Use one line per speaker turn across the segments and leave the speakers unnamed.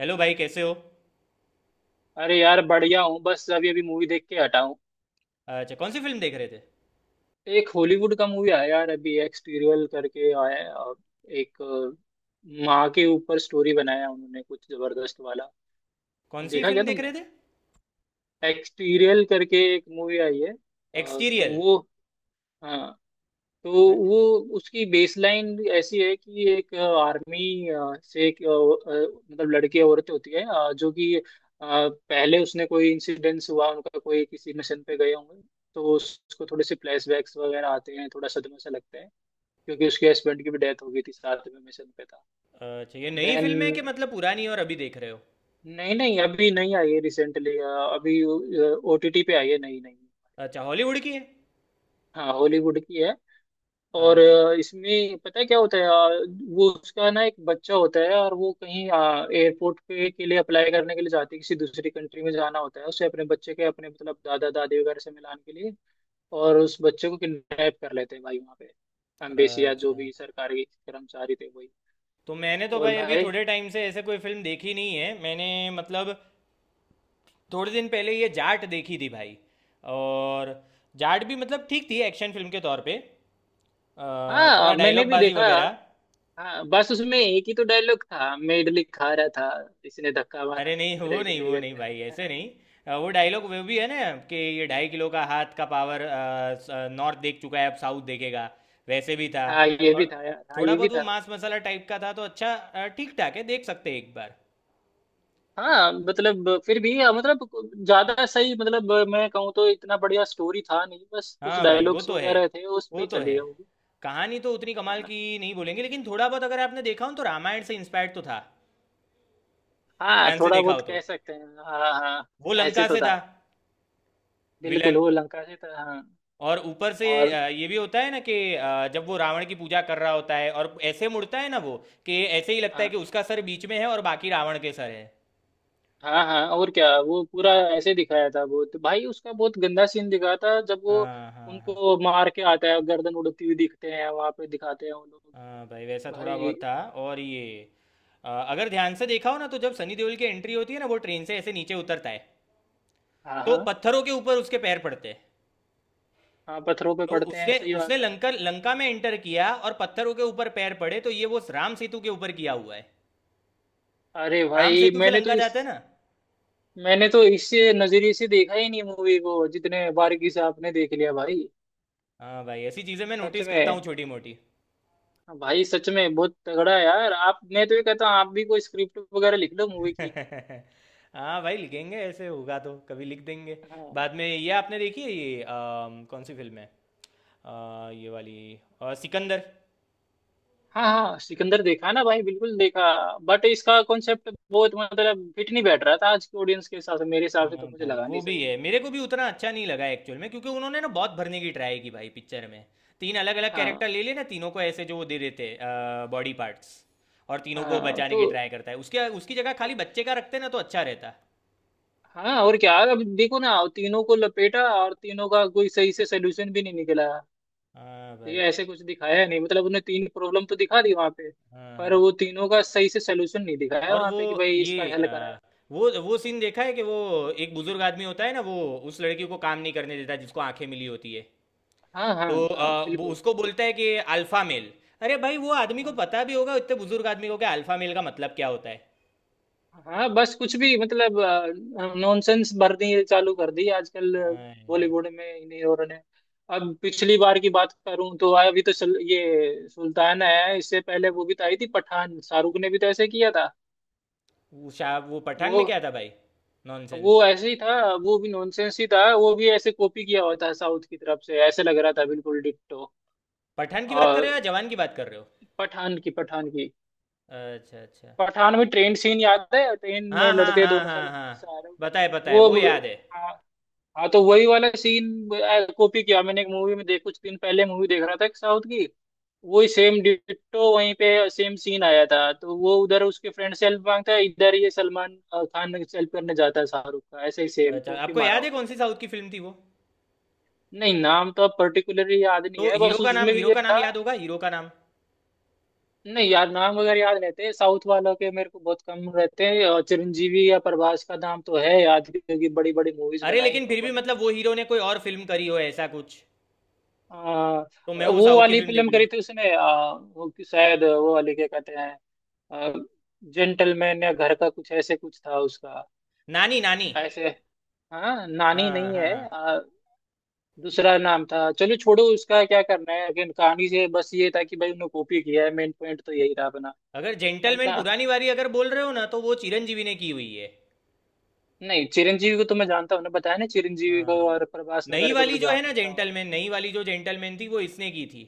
Hello भाई, कैसे हो।
अरे यार बढ़िया हूँ। बस अभी अभी मूवी देख के हटा हूँ।
अच्छा, कौन सी फिल्म देख रहे थे।
एक हॉलीवुड का मूवी आया यार, अभी एक्सटीरियल करके आया है, और एक माँ के ऊपर स्टोरी बनाया उन्होंने कुछ जबरदस्त वाला। अब
कौन सी
देखा क्या
फिल्म देख रहे
तुमने?
थे।
एक्सटीरियल करके एक मूवी आई है। तो
एक्सटीरियल।
वो। हाँ, तो
मैं।
वो, उसकी बेसलाइन ऐसी है कि एक आर्मी से एक मतलब लड़की औरत होती है, जो कि पहले उसने कोई इंसिडेंस हुआ, उनका कोई किसी मिशन पे गए होंगे। तो उसको थोड़े से फ्लैशबैक्स वगैरह आते हैं, थोड़ा सदमे से लगता है, क्योंकि उसके हस्बैंड की भी डेथ हो गई थी, साथ में मिशन पे था।
अच्छा, ये नई
देन
फिल्म है कि मतलब पुरानी, और अभी देख रहे हो।
नहीं नहीं, अभी नहीं आई है, रिसेंटली अभी ओटीटी पे आई है। नहीं नहीं।
अच्छा, हॉलीवुड की है।
हाँ, हॉलीवुड की है। और
अच्छा।
इसमें पता है क्या होता है, वो उसका ना एक बच्चा होता है, और वो कहीं एयरपोर्ट पे के लिए अप्लाई करने के लिए जाती है, किसी दूसरी कंट्री में जाना होता है उसे, अपने बच्चे के अपने मतलब दादा दादी वगैरह से मिलाने के लिए। और उस बच्चे को किडनैप कर लेते हैं भाई वहाँ पे, एम्बेसी या जो
अच्छा,
भी सरकारी कर्मचारी थे वही।
तो मैंने तो
और
भाई अभी
भाई,
थोड़े टाइम से ऐसे कोई फिल्म देखी नहीं है मैंने। मतलब, थोड़े दिन पहले ये जाट देखी थी भाई। और जाट भी मतलब ठीक थी एक्शन फिल्म के तौर पे। थोड़ा
हाँ, मैंने
डायलॉग
भी
बाजी
देखा।
वगैरह।
हाँ बस उसमें एक ही तो डायलॉग था, मैं इडली खा रहा था, इसने धक्का मारा,
अरे नहीं,
मेरा
वो नहीं,
इडली
वो
गिर
नहीं भाई, ऐसे
गया।
नहीं। वो डायलॉग वो भी है ना, कि ये ढाई किलो का हाथ का पावर नॉर्थ देख चुका है, अब साउथ देखेगा। वैसे भी था।
हाँ ये भी
और
था यार, हाँ
थोड़ा
ये भी
बहुत वो
था।
मांस मसाला टाइप का था, तो अच्छा ठीक ठाक है, देख सकते हैं एक बार।
हाँ मतलब फिर भी मतलब ज्यादा सही, मतलब मैं कहूँ तो इतना बढ़िया स्टोरी था नहीं, बस कुछ
हाँ भाई, वो
डायलॉग्स
तो है,
वगैरह थे उस पे
वो
ही
तो
चली
है।
है वो।
कहानी तो उतनी
है
कमाल
ना?
की नहीं बोलेंगे, लेकिन थोड़ा बहुत अगर आपने देखा हो तो रामायण से इंस्पायर्ड तो था।
हाँ
ध्यान से
थोड़ा
देखा हो
बहुत
तो
कह सकते हैं, हाँ हाँ
वो
हाँ, ऐसे
लंका
तो
से था,
था। बिल्कुल
विलन।
वो लंका से था, हाँ।
और ऊपर से
और
ये भी होता है ना कि जब वो रावण की पूजा कर रहा होता है और ऐसे मुड़ता है ना वो, कि ऐसे ही लगता है कि
हाँ
उसका सर बीच में है और बाकी रावण के सर है।
हाँ हाँ, और क्या, वो पूरा ऐसे दिखाया था, वो तो भाई उसका बहुत गंदा सीन दिखाया था, जब वो
हाँ, हाँ, हाँ।
उनको मार के आता है, गर्दन उड़ती हुई दिखते हैं वहां पे, दिखाते हैं वो लोग।
हाँ भाई, वैसा थोड़ा बहुत
भाई,
था। और ये, अगर ध्यान से देखा हो ना, तो जब सनी देओल की एंट्री होती है ना वो ट्रेन से ऐसे नीचे उतरता है,
हाँ
तो
हाँ।
पत्थरों के ऊपर उसके पैर पड़ते हैं।
हाँ पत्थरों पे
तो
पड़ते हैं,
उसने
सही
उसने
बात है।
लंका लंका में एंटर किया और पत्थरों के ऊपर पैर पड़े, तो ये वो राम सेतु के ऊपर किया हुआ है।
अरे
राम
भाई
सेतु से
मैंने तो
लंका जाते हैं
इस,
ना।
मैंने तो इससे नजरिए से देखा ही नहीं मूवी को, जितने बारीकी से आपने देख लिया भाई।
हाँ भाई, ऐसी चीजें मैं
सच
नोटिस करता हूँ,
में
छोटी मोटी।
भाई, सच में बहुत तगड़ा है यार आप। मैं तो ये कहता हूँ आप भी कोई स्क्रिप्ट वगैरह लिख लो मूवी की।
हाँ भाई, लिखेंगे, ऐसे होगा तो कभी लिख देंगे।
हाँ
बाद में ये आपने देखी है ये, कौन सी फिल्म है। ये वाली, सिकंदर।
हाँ, हाँ सिकंदर देखा ना भाई, बिल्कुल देखा। बट इसका कॉन्सेप्ट बहुत मतलब फिट नहीं बैठ रहा था आज के ऑडियंस के हिसाब से, मेरे हिसाब से तो
हाँ
मुझे
भाई,
लगा
वो
नहीं
भी
सही।
है, मेरे को भी उतना अच्छा नहीं लगा एक्चुअल में। क्योंकि उन्होंने ना बहुत भरने की ट्राई की भाई पिक्चर में। तीन अलग अलग कैरेक्टर
हाँ
ले लिए ना, तीनों को ऐसे जो वो दे देते बॉडी पार्ट्स। और तीनों को
हाँ,
बचाने
तो
की ट्राई करता है, उसके उसकी जगह खाली बच्चे का रखते ना तो अच्छा रहता।
हाँ और क्या, अब देखो ना, तीनों को लपेटा और तीनों का कोई सही से सोल्यूशन भी नहीं निकला।
हाँ भाई,
ये ऐसे कुछ दिखाया नहीं, मतलब उन्हें तीन प्रॉब्लम तो दिखा दी वहां पे,
हाँ,
पर
हाँ।
वो तीनों का सही से सलूशन नहीं दिखाया
और
वहां
वो
पे, कि भाई इसका
ये,
हल करा है।
वो सीन देखा है कि वो एक बुजुर्ग आदमी होता है ना वो, उस लड़की को काम नहीं करने देता जिसको आंखें मिली होती है।
हाँ हाँ
तो
हाँ
वो
बिल्कुल।
उसको बोलता है कि अल्फा मेल। अरे भाई, वो आदमी को
हाँ
पता भी होगा इतने बुजुर्ग आदमी को कि अल्फा मेल का मतलब क्या होता है।
हाँ बस कुछ भी मतलब नॉनसेंस भरनी ये चालू कर दी आजकल
हाँ यार।
बॉलीवुड में इन हीरो ने। अब पिछली बार की बात करूं तो अभी तो ये सुल्तान आया है, इससे पहले वो भी तो आई थी पठान, शाहरुख ने भी तो ऐसे किया था।
वो पठान में
वो
क्या था भाई। नॉनसेंस।
वो ऐसे ही था, वो भी नॉनसेंस ही था, वो भी ऐसे कॉपी किया हुआ था साउथ की तरफ से ऐसे लग रहा था बिल्कुल डिट्टो।
पठान की बात कर रहे
और
हो या जवान की बात कर रहे हो।
पठान की, पठान की।
अच्छा, अच्छा।
पठान में ट्रेन सीन याद है? ट्रेन में
हाँ, हाँ,
लड़ते हैं
हाँ,
दोनों
हाँ,
सलमान
हाँ,
से,
पता है, पता है,
वो।
वो याद है।
हाँ। हाँ तो वही वाला सीन कॉपी किया। मैंने एक मूवी में देख, कुछ दिन पहले मूवी देख रहा था एक साउथ की, वही सेम डिट्टो वहीं पे सेम सीन आया था। तो वो उधर उसके फ्रेंड से हेल्प मांगता है, इधर ये सलमान खान से हेल्प करने जाता है शाहरुख का, ऐसे ही सेम
अच्छा,
कॉपी
आपको
मारा
याद है
हुआ
कौन सी साउथ की फिल्म थी वो।
है। नहीं नाम तो अब पर्टिकुलरली याद नहीं
तो
है,
हीरो
बस
का नाम,
उसमें भी
हीरो
ये
का नाम
था।
याद होगा, हीरो का नाम।
नहीं यार नाम वगैरह याद रहते हैं साउथ वालों के मेरे को बहुत कम रहते हैं, और चिरंजीवी या प्रभास का नाम तो है याद, क्योंकि बड़ी बड़ी मूवीज
अरे
बनाई इन
लेकिन फिर
लोगों
भी
ने।
मतलब, वो हीरो ने कोई और फिल्म करी हो ऐसा कुछ।
आ,
तो मैं वो
वो
साउथ की
वाली
फिल्म देख
फिल्म
लूँ।
करी थी उसने, शायद वो वाली क्या कहते हैं, जेंटलमैन या घर का कुछ ऐसे कुछ था उसका।
नानी, नानी।
ऐसे, हाँ नानी
हाँ,
नहीं है,
हाँ।
दूसरा नाम था। चलो छोड़ो, उसका क्या करना है। लेकिन कहानी से बस ये था कि भाई उन्होंने कॉपी किया है, मेन पॉइंट तो यही था अपना।
अगर
है
जेंटलमैन
ना?
पुरानी वाली अगर बोल रहे हो ना, तो वो चिरंजीवी ने की हुई है।
नहीं चिरंजीवी को तो मैं जानता हूँ ना, बताया ना, चिरंजीवी
हाँ,
को
हाँ।
और प्रभास
नई
वगैरह को तो
वाली जो है ना
जानता हूँ।
जेंटलमैन, नई वाली जो जेंटलमैन थी वो इसने की थी।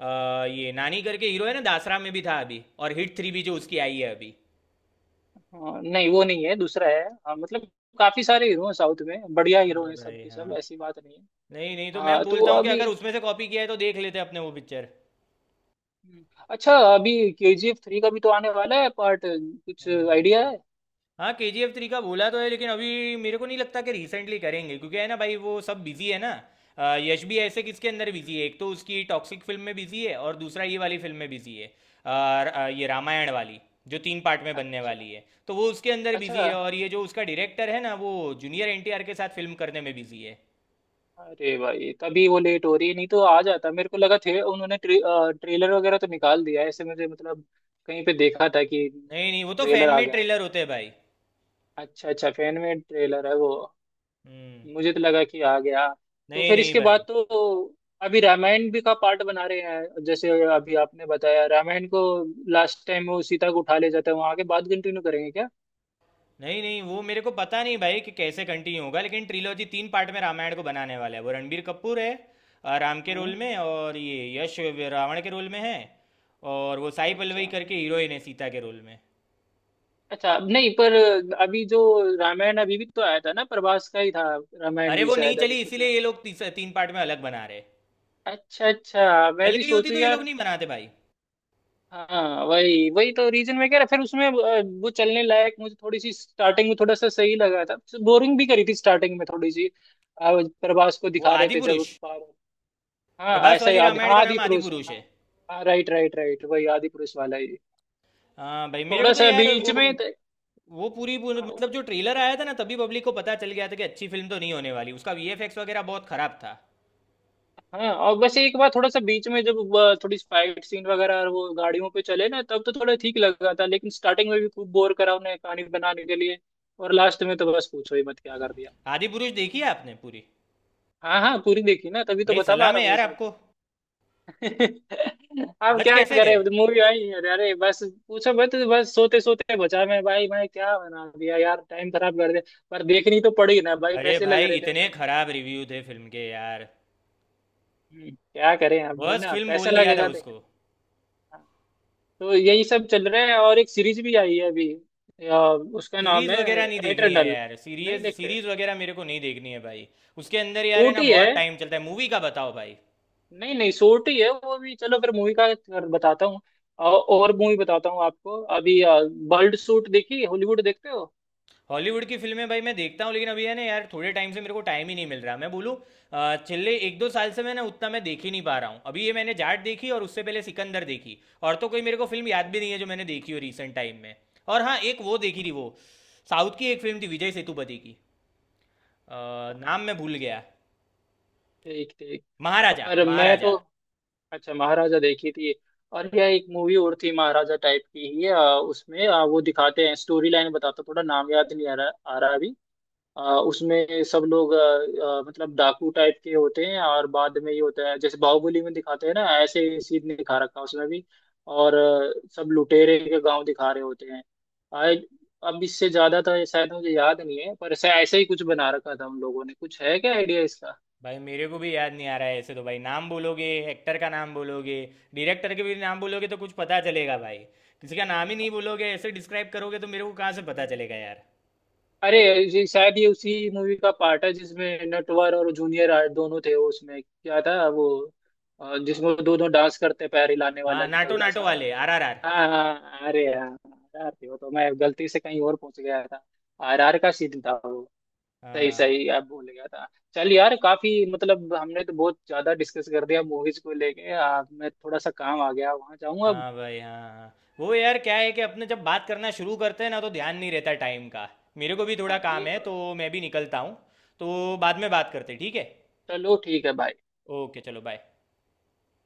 ये नानी करके हीरो है ना, दासरा में भी था अभी, और HIT 3 भी जो उसकी आई है अभी।
हाँ, नहीं वो नहीं है, दूसरा है। हाँ, मतलब काफी सारे हीरो हैं साउथ में, बढ़िया हीरो
हाँ
हैं सब
भाई,
के
हाँ।
सब, ऐसी बात नहीं है।
नहीं, नहीं, तो मैं
हाँ तो
बोलता हूँ कि
अभी,
अगर उसमें से कॉपी किया है तो देख लेते अपने वो पिक्चर।
अच्छा अभी केजीएफ थ्री का भी तो आने वाला है पार्ट, कुछ आइडिया है?
हाँ, KGF 3 का बोला तो है, लेकिन अभी मेरे को नहीं लगता कि रिसेंटली करेंगे, क्योंकि है ना भाई, वो सब बिजी है ना। यश भी ऐसे किसके अंदर बिजी है, एक तो उसकी टॉक्सिक फिल्म में बिजी है और दूसरा ये वाली फिल्म में बिजी है, ये रामायण वाली, जो तीन पार्ट में बनने
अच्छा
वाली है तो वो उसके अंदर बिजी
अच्छा।
है। और ये जो उसका डायरेक्टर है ना वो, जूनियर NTR के साथ फिल्म करने में बिजी है।
अरे भाई तभी वो लेट हो रही है, नहीं तो आ जाता, मेरे को लगा थे उन्होंने ट्रेलर वगैरह तो निकाल दिया है, ऐसे मुझे मतलब कहीं पे देखा था कि
नहीं, नहीं, वो तो
ट्रेलर
फैन
आ
मेड
गया।
ट्रेलर होते हैं भाई।
अच्छा अच्छा, फैन में ट्रेलर है वो,
हम्म।
मुझे तो लगा कि आ गया। तो
नहीं,
फिर
नहीं
इसके बाद
भाई।
तो अभी रामायण भी का पार्ट बना रहे हैं, जैसे अभी आपने बताया रामायण को, लास्ट टाइम वो सीता को उठा ले जाता है वहां के बाद कंटिन्यू करेंगे क्या?
नहीं, नहीं, वो मेरे को पता नहीं भाई कि कैसे कंटिन्यू होगा, लेकिन ट्रिलॉजी तीन पार्ट में रामायण को बनाने वाला है वो। रणबीर कपूर है राम के रोल
हाँ।
में, और ये यश, रावण के रोल में है। और वो साई
अच्छा
पल्लवी करके हीरोइन है, सीता के रोल में।
अच्छा नहीं पर अभी जो रामायण अभी भी तो आया था ना, प्रभास का ही था, रामायण
अरे
भी
वो नहीं
शायद अभी
चली,
कुछ।
इसीलिए ये लोग तीन पार्ट में अलग बना रहे।
अच्छा अच्छा, मैं
चल
भी
गई होती
सोचू
तो ये लोग
यार।
नहीं बनाते भाई।
हाँ वही, वही तो रीजन मैं कह रहा, फिर उसमें वो चलने लायक मुझे थोड़ी सी स्टार्टिंग में थोड़ा सा सही लगा था। बोरिंग भी करी थी स्टार्टिंग में थोड़ी सी, प्रभास को
वो
दिखा रहे
आदि
थे जब
पुरुष।
पार, हाँ
प्रभास
ऐसा ही
वाली
आदि,
रामायण का
हाँ, आदि
नाम आदि
पुरुष है
पुरुष
हाँ।
है।
हाँ राइट राइट राइट, वही आदि पुरुष वाला ही।
हाँ भाई, मेरे को
थोड़ा
तो
सा
यार
बीच
वो
में
वो पूरी पूरी- मतलब जो ट्रेलर आया था ना तभी पब्लिक को पता चल गया था कि अच्छी फिल्म तो नहीं होने वाली। उसका VFX वगैरह बहुत खराब था।
हाँ, और बस एक बार थोड़ा सा बीच में जब थोड़ी फाइट सीन वगैरह और वो गाड़ियों पे चले ना, तब तो थोड़ा ठीक लगा था, लेकिन स्टार्टिंग में भी खूब बोर करा उन्हें कहानी बनाने के लिए। और लास्ट में तो बस पूछो ही मत क्या कर दिया।
आदि पुरुष देखी है आपने पूरी?
हाँ हाँ पूरी देखी ना, तभी तो
भाई
बता पा
सलाम
रहा
है
हूँ ये
यार
सब।
आपको।
अब
बच
क्या
कैसे
करे,
गए?
मूवी आई, अरे अरे बस पूछो मत, बस सोते सोते बचा मैं भाई, मैं क्या बना दिया यार, टाइम खराब कर दिया। पर देखनी तो पड़ी ना भाई,
अरे
पैसे लग
भाई,
रहे थे
इतने
अपने।
खराब रिव्यू थे फिल्म के यार।
क्या करें, अब
वर्स्ट
बना
फिल्म
पैसा
बोल दिया था
लगेगा
उसको।
देखने। हाँ, तो यही सब चल रहा है। और एक सीरीज भी आई है अभी, अ, उसका नाम
सीरीज
है
वगैरह नहीं देखनी है
एटर्नल।
यार।
नहीं
सीरीज,
देखते?
सीरीज वगैरह मेरे को नहीं देखनी है भाई। उसके अंदर यार है ना
छोटी है,
बहुत टाइम चलता है मूवी का, बताओ भाई।
नहीं नहीं शॉर्ट ही है वो भी, चलो फिर मूवी का बताता हूँ। और मूवी बताता हूँ आपको अभी, बर्ड सूट देखी? हॉलीवुड देखते हो?
हॉलीवुड की फिल्में भाई मैं देखता हूँ, लेकिन अभी है ना यार, थोड़े टाइम से मेरे को टाइम ही नहीं मिल रहा मैं बोलूँ। पिछले एक दो साल से मैं ना उतना मैं देख ही नहीं पा रहा हूँ। अभी ये मैंने जाट देखी और उससे पहले सिकंदर देखी। और तो कोई मेरे को फिल्म याद
अच्छा
भी नहीं है जो मैंने देखी हो रिसेंट टाइम में। और हाँ, एक वो देखी थी वो, साउथ की एक फिल्म थी विजय सेतुपति की। अ,
अच्छा,
नाम मैं भूल गया।
ठीक ठीक।
महाराजा,
पर मैं
महाराजा।
तो, अच्छा महाराजा देखी थी, और यह एक मूवी और थी महाराजा टाइप की ही है, उसमें वो दिखाते हैं स्टोरी लाइन बताता हूँ, थोड़ा नाम याद नहीं आ रहा अभी। आ, उसमें सब लोग आ, आ, मतलब डाकू टाइप के होते हैं, और बाद में ये होता है, जैसे बाहुबली में दिखाते हैं ना ऐसे ही सीन नहीं दिखा रखा है उसमें भी, और सब लुटेरे के गांव दिखा रहे होते हैं। आए, अब इससे ज्यादा था, शायद मुझे याद नहीं है, पर ऐसा ऐसा ही कुछ बना रखा था उन लोगों ने, कुछ है क्या आइडिया इसका?
भाई मेरे को भी याद नहीं आ रहा है ऐसे तो। भाई नाम बोलोगे, एक्टर का नाम बोलोगे, डायरेक्टर के भी नाम बोलोगे तो कुछ पता चलेगा भाई। किसी का नाम ही नहीं बोलोगे, ऐसे डिस्क्राइब करोगे तो मेरे को कहाँ से पता चलेगा यार।
अरे ये शायद ये उसी मूवी का पार्ट है जिसमें नटवर और जूनियर आर्ट दोनों थे। वो उसमें क्या था वो, जिसमें वो दोनों डांस करते, पैर हिलाने
हाँ,
वाला
नाटो
तगड़ा
नाटो
सा।
वाले RRR।
हाँ हाँ, अरे यार आर थी वो, तो मैं गलती से कहीं और पहुंच गया था, आर आर का सीन था वो। सही
हाँ,
सही, अब भूल गया था। चल यार, काफी मतलब हमने तो बहुत ज्यादा डिस्कस कर दिया मूवीज को लेके। मैं थोड़ा सा काम आ गया, वहां जाऊंगा अब।
हाँ भाई, हाँ, हाँ। वो यार क्या है कि अपने जब बात करना शुरू करते हैं ना तो ध्यान नहीं रहता टाइम का। मेरे को भी थोड़ा
हाँ
काम
ये
है
तो
तो
है।
मैं भी निकलता हूँ। तो बाद में बात करते हैं, ठीक है?
चलो ठीक है भाई।
ओके, चलो, बाय।